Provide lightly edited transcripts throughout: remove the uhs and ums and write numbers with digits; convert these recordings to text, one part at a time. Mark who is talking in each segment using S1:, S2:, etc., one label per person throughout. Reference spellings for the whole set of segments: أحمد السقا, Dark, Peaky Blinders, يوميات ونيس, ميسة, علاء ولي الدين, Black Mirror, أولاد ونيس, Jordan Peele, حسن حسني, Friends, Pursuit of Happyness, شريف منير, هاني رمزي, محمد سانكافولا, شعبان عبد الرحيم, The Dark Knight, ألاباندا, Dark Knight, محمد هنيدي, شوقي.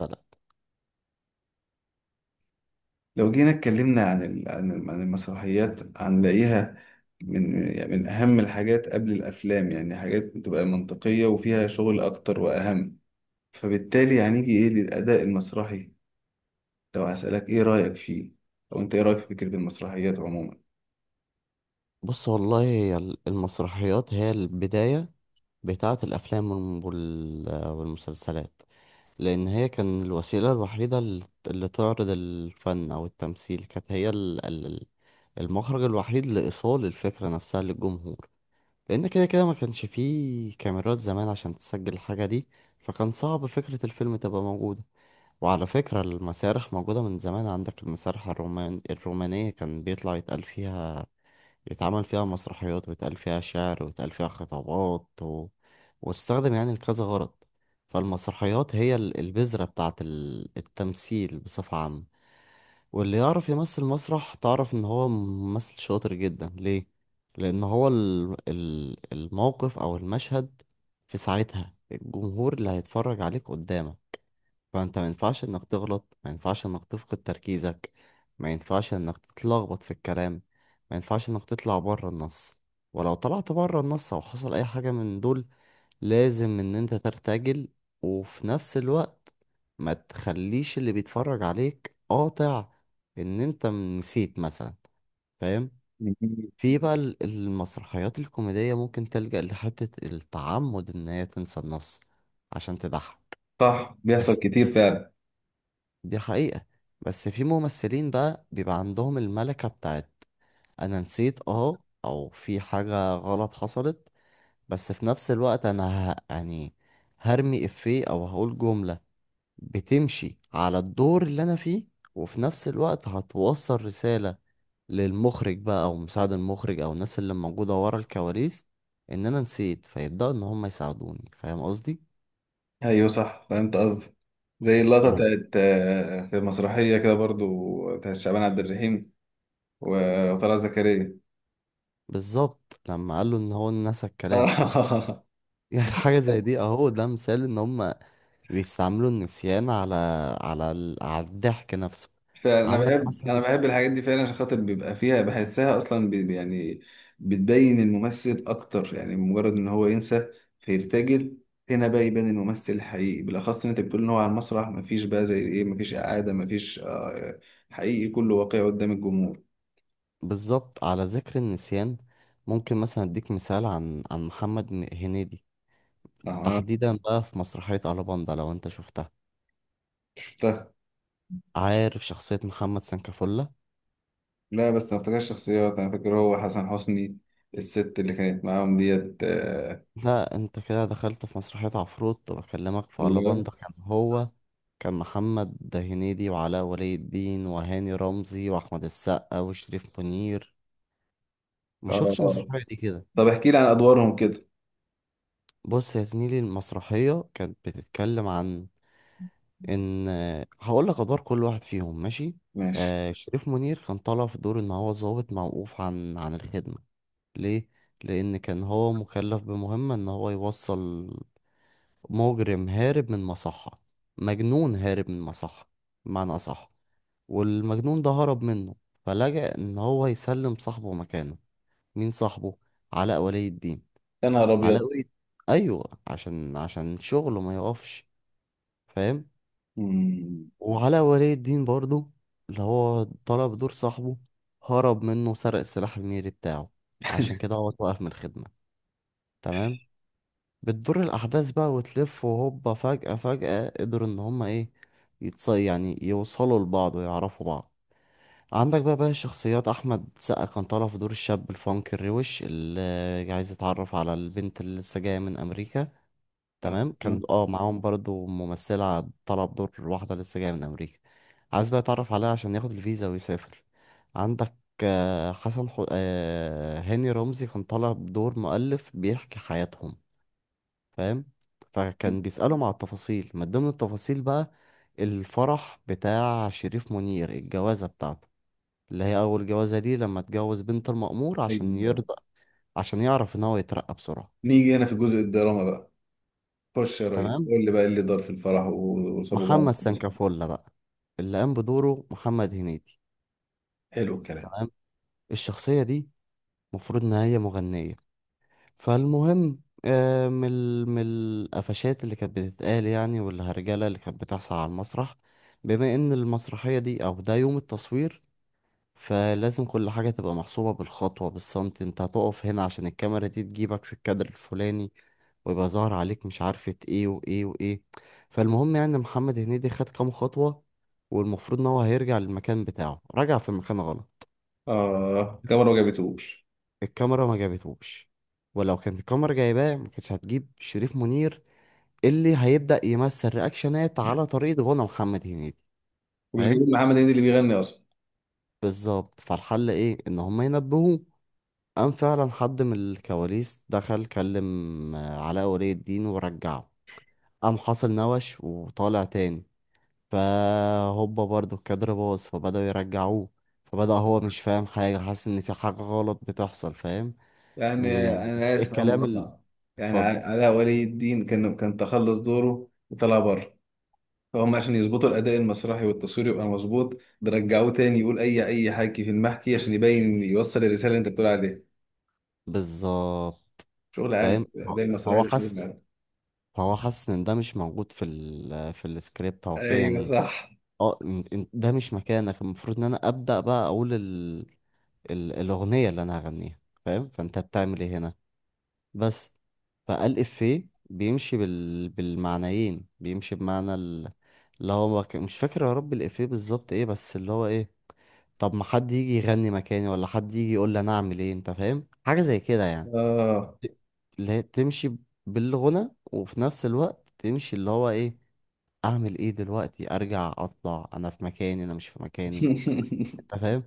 S1: غلط.
S2: لو جينا اتكلمنا عن المسرحيات، هنلاقيها من أهم الحاجات قبل الأفلام، يعني حاجات بتبقى منطقية وفيها شغل أكتر وأهم. فبالتالي هنيجي إيه للأداء المسرحي؟ لو هسألك إيه رأيك فيه؟ أو أنت إيه رأيك في فكرة المسرحيات عموما؟
S1: بص والله هي المسرحيات هي البداية بتاعة الأفلام والمسلسلات. لأن هي كان الوسيلة الوحيدة اللي تعرض الفن أو التمثيل، كانت هي المخرج الوحيد لإيصال الفكرة نفسها للجمهور. لأن كده كده ما كانش فيه كاميرات زمان عشان تسجل الحاجة دي، فكان صعب فكرة الفيلم تبقى موجودة. وعلى فكرة، المسارح موجودة من زمان، عندك المسارح الرومانية كان بيطلع يتقال فيها، يتعمل فيها مسرحيات، ويتقال فيها شعر، ويتقال فيها خطابات، و... وتستخدم يعني لكذا غرض. فالمسرحيات هي البذرة بتاعة التمثيل بصفة عامة. واللي يعرف يمثل مسرح تعرف إن هو ممثل شاطر جدا، ليه؟ لأن هو الموقف أو المشهد في ساعتها، الجمهور اللي هيتفرج عليك قدامك. فانت ما ينفعش انك تغلط، ما ينفعش انك تفقد تركيزك، ما ينفعش انك تتلخبط في الكلام، ما ينفعش انك تطلع بره النص. ولو طلعت بره النص او حصل اي حاجة من دول، لازم ان انت ترتجل، وفي نفس الوقت ما تخليش اللي بيتفرج عليك قاطع ان انت نسيت مثلا. فاهم؟
S2: مم.
S1: في بقى المسرحيات الكوميدية ممكن تلجأ لحتة التعمد ان هي تنسى النص عشان تضحك.
S2: صح، بيحصل
S1: بس
S2: كتير فعلا.
S1: دي حقيقة. بس في ممثلين بقى بيبقى عندهم الملكة بتاعت أنا نسيت، أو في حاجة غلط حصلت، بس في نفس الوقت أنا يعني هرمي إفيه أو هقول جملة بتمشي على الدور اللي أنا فيه، وفي نفس الوقت هتوصل رسالة للمخرج بقى أو مساعد المخرج أو الناس اللي موجودة ورا الكواليس إن أنا نسيت، فيبدأوا إن هم يساعدوني. فاهم قصدي؟
S2: أيوه صح، فهمت قصدي. زي اللقطة
S1: يعني
S2: بتاعت في مسرحية كده برضو بتاعت شعبان عبد الرحيم وطلعت زكريا.
S1: بالظبط لما قال له إن هو نسى الكلام. يعني حاجة زي دي، اهو ده مثال ان هم بيستعملوا النسيان على الضحك نفسه.
S2: انا
S1: عندك
S2: بحب انا
S1: مثلا.
S2: بحب الحاجات دي فعلا، عشان خاطر بيبقى فيها، بحسها اصلا يعني بتبين الممثل اكتر، يعني مجرد ان هو ينسى فيرتجل. هنا بقى يبان الممثل الحقيقي، بالاخص ان انت بتقول ان هو على المسرح مفيش بقى زي ايه، مفيش اعاده، مفيش. حقيقي كله واقعي قدام الجمهور.
S1: بالظبط، على ذكر النسيان ممكن مثلا اديك مثال عن محمد هنيدي.
S2: اها.
S1: تحديدا بقى في مسرحية ألاباندا، لو انت شفتها.
S2: شفتها.
S1: عارف شخصية محمد سنكافولا؟
S2: لا بس ما افتكرش شخصيات، انا فاكر هو حسن حسني، الست اللي كانت معاهم ديت.
S1: لا، انت كده دخلت في مسرحية عفروت، وبكلمك في
S2: اللي-
S1: ألاباندا. كان محمد هنيدي وعلاء ولي الدين وهاني رمزي وأحمد السقا وشريف منير. ما شفتش
S2: اه،
S1: المسرحية دي كده؟
S2: طب احكي لي عن ادوارهم كده.
S1: بص يا زميلي، المسرحية كانت بتتكلم عن ان هقول لك ادوار كل واحد فيهم، ماشي؟
S2: ماشي.
S1: شريف منير كان طالع في دور ان هو ضابط موقوف عن الخدمة. ليه؟ لان كان هو مكلف بمهمة ان هو يوصل مجرم هارب من مصحة، مجنون هارب من مصحة بمعنى اصح. والمجنون ده هرب منه، فلجأ ان هو يسلم صاحبه مكانه. مين صاحبه؟ علاء ولي الدين.
S2: يا نهار
S1: علاء
S2: ابيض.
S1: ولي ايوه، عشان شغله ما يقفش. فاهم؟
S2: مم.
S1: وعلاء ولي الدين برضو، اللي هو طلب دور صاحبه، هرب منه وسرق السلاح الميري بتاعه، عشان كده هو اتوقف من الخدمة. تمام. بتدور الأحداث بقى وتلف، وهوبا فجأة فجأة قدروا إن هما إيه، يعني يوصلوا لبعض ويعرفوا بعض. عندك بقى الشخصيات، أحمد سقا كان طالع في دور الشاب الفانك الروش اللي عايز يتعرف على البنت اللي لسه جاية من أمريكا.
S2: آه،
S1: تمام، كان
S2: آه.
S1: معاهم برضو ممثلة طلب دور واحدة لسه جاية من أمريكا، عايز بقى يتعرف عليها عشان ياخد الفيزا ويسافر. عندك آه، حسن حو... آه، هاني رمزي كان طالب دور مؤلف بيحكي حياتهم. فاهم؟ فكان بيسألهم على التفاصيل، من ضمن التفاصيل بقى الفرح بتاع شريف منير، الجوازة بتاعته اللي هي أول جوازة ليه، لما اتجوز بنت المأمور عشان
S2: ايوه،
S1: يرضى، عشان يعرف إن هو يترقى بسرعة.
S2: نيجي هنا في جزء الدراما بقى. خش يا ريس
S1: تمام.
S2: قول لي بقى إيه اللي دار في الفرح وسابوا بعض.
S1: محمد سانكافولا بقى، اللي قام بدوره محمد هنيدي.
S2: حلو الكلام.
S1: تمام. الشخصية دي المفروض إن هي مغنية. فالمهم، من القفشات اللي كانت بتتقال يعني، والهرجلة اللي كانت بتحصل على المسرح، بما إن المسرحية دي أو ده يوم التصوير، فلازم كل حاجة تبقى محسوبة بالخطوة، بالسنتي، انت هتقف هنا عشان الكاميرا دي تجيبك في الكادر الفلاني، ويبقى ظاهر عليك، مش عارفة ايه وايه وايه. فالمهم يعني محمد هنيدي خد كام خطوة، والمفروض ان هو هيرجع للمكان بتاعه، رجع في المكان غلط.
S2: اه، كاميرا ما جابتهوش.
S1: الكاميرا ما جابتهوش، ولو كانت الكاميرا جايباه ما كانتش هتجيب شريف منير اللي هيبدأ يمثل رياكشنات على طريقة غنى محمد هنيدي.
S2: ومش
S1: فاهم؟
S2: جايبين محمد هنيدي اللي بيغني اصلا.
S1: بالظبط. فالحل ايه؟ ان هم ينبهوه. قام فعلا حد من الكواليس دخل كلم علاء ولي الدين ورجعه. قام حصل نوش وطالع تاني، فهوبا برضو الكادر باظ، فبدأوا يرجعوه، فبدأ هو مش فاهم حاجة، حاسس إن في حاجة غلط بتحصل. فاهم؟
S2: يعني
S1: يعني
S2: انا اسف على
S1: الكلام اللي،
S2: المقاطعه، يعني
S1: اتفضل.
S2: علاء ولي الدين كان تخلص دوره وطلع بره، فهم عشان يظبطوا الاداء المسرحي والتصوير يبقى مظبوط، ده رجعوه تاني يقول اي حكي في المحكي عشان يبين يوصل الرساله اللي انت بتقول عليها.
S1: بالظبط.
S2: شغل عالي،
S1: فاهم؟
S2: الاداء المسرحي
S1: هو
S2: ده شغل
S1: حاسس،
S2: عالي.
S1: هو حاسس إن ده مش موجود في السكريبت أو كده
S2: ايوه
S1: يعني.
S2: صح.
S1: اه، إن ده مش مكانك، المفروض إن أنا أبدأ بقى أقول ال ال الأغنية اللي أنا هغنيها. فاهم؟ فأنت بتعمل إيه هنا؟ بس. فقال إفيه بيمشي بالمعنيين، بيمشي بمعنى اللي هو مش فاكر يا رب الإفيه بالظبط إيه، بس اللي هو إيه، طب ما حد يجي يغني مكاني ولا حد يجي يقول لي أنا أعمل إيه، أنت فاهم حاجة زي كده يعني.
S2: اه.
S1: ت- اللي هي تمشي بالغنى، وفي نفس الوقت تمشي اللي هو إيه، أعمل إيه دلوقتي؟ أرجع؟ أطلع؟ أنا في مكاني؟ أنا مش في مكاني؟ أنت فاهم،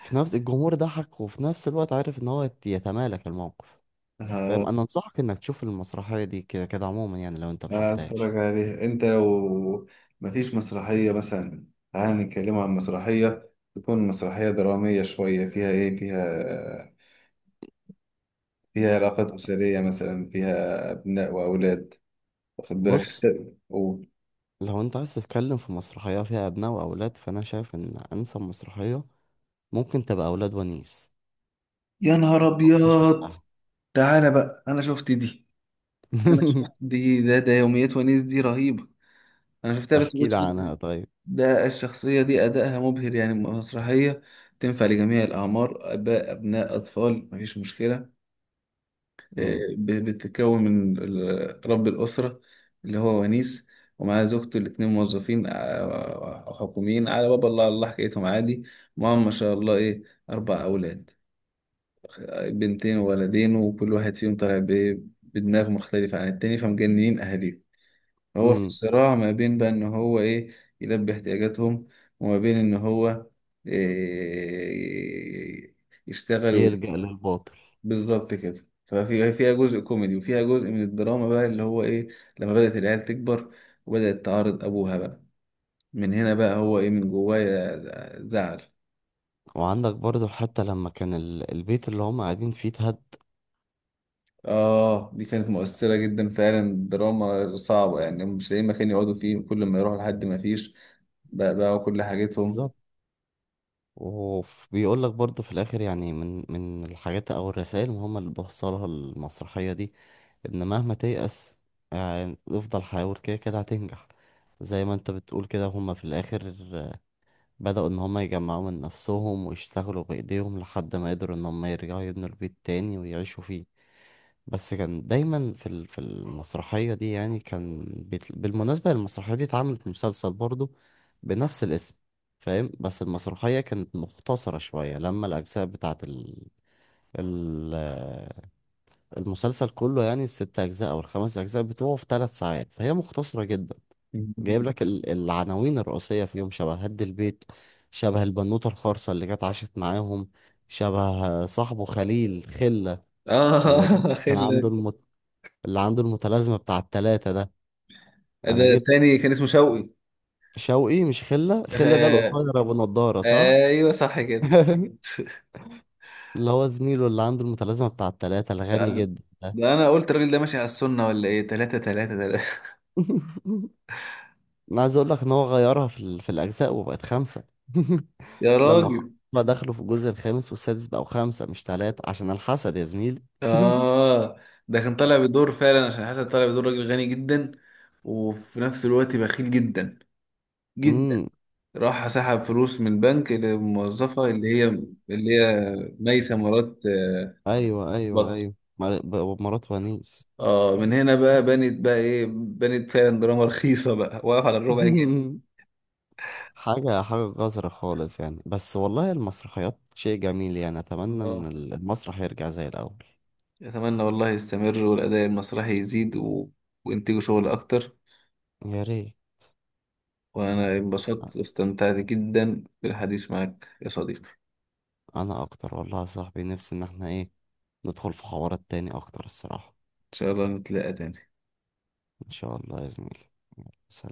S1: في نفس الجمهور ضحك، وفي نفس الوقت عارف إن هو يتمالك الموقف. فاهم؟
S2: ه-
S1: انا انصحك انك تشوف المسرحيه دي كده كده عموما، يعني لو انت مشوفتهاش.
S2: هتفرج عليها انت لو مفيش مسرحية مثلا. تعال نتكلم عن مسرحية، تكون مسرحية درامية شوية، فيها علاقات أسرية مثلا، فيها أبناء وأولاد، واخد بالك؟
S1: بص،
S2: و-
S1: لو انت عايز تتكلم في مسرحيه فيها ابناء واولاد، فانا شايف ان انسب مسرحيه ممكن تبقى اولاد ونيس.
S2: يا نهار
S1: لو انت
S2: أبيض.
S1: شفتها.
S2: تعالى بقى أنا شفت دي. أنا شفت دي، ده يوميات ونيس، دي رهيبة. أنا شفتها بس ما
S1: احكي
S2: كنتش.
S1: لي عنها طيب.
S2: ده الشخصية دي أدائها مبهر، يعني مسرحية تنفع لجميع الأعمار، آباء أبناء أطفال، مفيش مشكلة.
S1: امم.
S2: بتتكون من رب الأسرة اللي هو ونيس، ومعاه زوجته، الاتنين موظفين، حكوميين على باب الله، على الله حكايتهم عادي. معاهم ما شاء الله إيه، 4 أولاد، بنتين وولدين، وكل واحد فيهم طالع بدماغ مختلفة عن التاني، فمجننين أهاليهم. هو في
S1: امم.
S2: صراع ما بين بقى ان هو ايه، يلبي احتياجاتهم، وما بين ان هو إيه، يشتغل.
S1: يلجأ للباطل.
S2: بالظبط كده. فيها جزء كوميدي وفيها جزء من الدراما بقى اللي هو ايه، لما بدأت العيال تكبر وبدأت تعارض ابوها بقى. من هنا بقى هو ايه، من جوايا، زعل.
S1: وعندك برضو حتى لما كان البيت اللي هم قاعدين فيه اتهد.
S2: اه، دي كانت مؤثرة جدا فعلا، دراما صعبة، يعني مش لاقيين مكان يقعدوا فيه، كل ما يروحوا لحد ما فيش بقى كل حاجتهم.
S1: بالظبط. وبيقول لك برضه في الاخر، يعني من الحاجات او الرسائل المهمه اللي بوصلها المسرحيه دي، ان مهما تيأس يعني افضل حاول، كده كده هتنجح. زي ما انت بتقول كده، هما في الاخر بدأوا ان هما يجمعوا من نفسهم ويشتغلوا بايديهم لحد ما قدروا ان هما يرجعوا يبنوا البيت تاني ويعيشوا فيه. بس كان دايما في المسرحية دي يعني كان بالمناسبة المسرحية دي اتعملت مسلسل برضه بنفس الاسم. فاهم؟ بس المسرحية كانت مختصرة شوية، لما الأجزاء بتاعت ال... المسلسل كله، يعني الست أجزاء أو الخمس أجزاء بتوعه في 3 ساعات، فهي مختصرة جدا. جايب لك العناوين الرئيسية فيهم، شبه هد البيت، شبه البنوتة الخرصة اللي جت عاشت معاهم، شبه صاحبه خليل خلة اللي
S2: اه.
S1: كان عنده اللي عنده المتلازمة بتاع التلاتة ده. أنا
S2: ده
S1: جبت
S2: التاني كان اسمه شوقي.
S1: شوقي مش خلة، خلة ده
S2: آه،
S1: القصير أبو نضارة، صح؟
S2: ايوه صح كده.
S1: اللي هو زميله اللي عنده المتلازمة بتاع التلاتة
S2: ده,
S1: الغني
S2: ده
S1: جدا.
S2: ده انا قلت الراجل ده ماشي على السنه ولا ايه، تلاتة تلاتة تلاتة.
S1: أنا عايز أقول لك إن هو غيرها في الأجزاء وبقت خمسة.
S2: يا راجل.
S1: ما دخلوا في الجزء الخامس والسادس، بقوا خمسة مش تلاتة عشان الحسد يا زميلي.
S2: اه، ده كان طالع بدور فعلا، عشان حسن طالع بدور راجل غني جدا وفي نفس الوقت بخيل جدا جدا.
S1: امم،
S2: راح سحب فلوس من بنك، للموظفة اللي هي ميسة مرات.
S1: أيوه أيوه
S2: بطل.
S1: أيوه مرات ونيس.
S2: اه، من هنا بقى بنت بقى ايه، بنت فعلا دراما رخيصة بقى، واقف على الربع جنيه.
S1: حاجة حاجة قذرة خالص يعني، بس والله المسرحيات شيء جميل، يعني أتمنى إن
S2: اه،
S1: المسرح يرجع زي الأول.
S2: أتمنى والله يستمر، والأداء المسرحي يزيد و... وإنتجوا شغل أكتر.
S1: يا ريت.
S2: وأنا انبسطت واستمتعت جدا بالحديث معك يا صديقي، إن
S1: أنا أكتر والله يا صاحبي، نفسي إن احنا إيه، ندخل في حوارات تاني أكتر الصراحة.
S2: شاء الله نتلاقى تاني.
S1: إن شاء الله يا زميلي.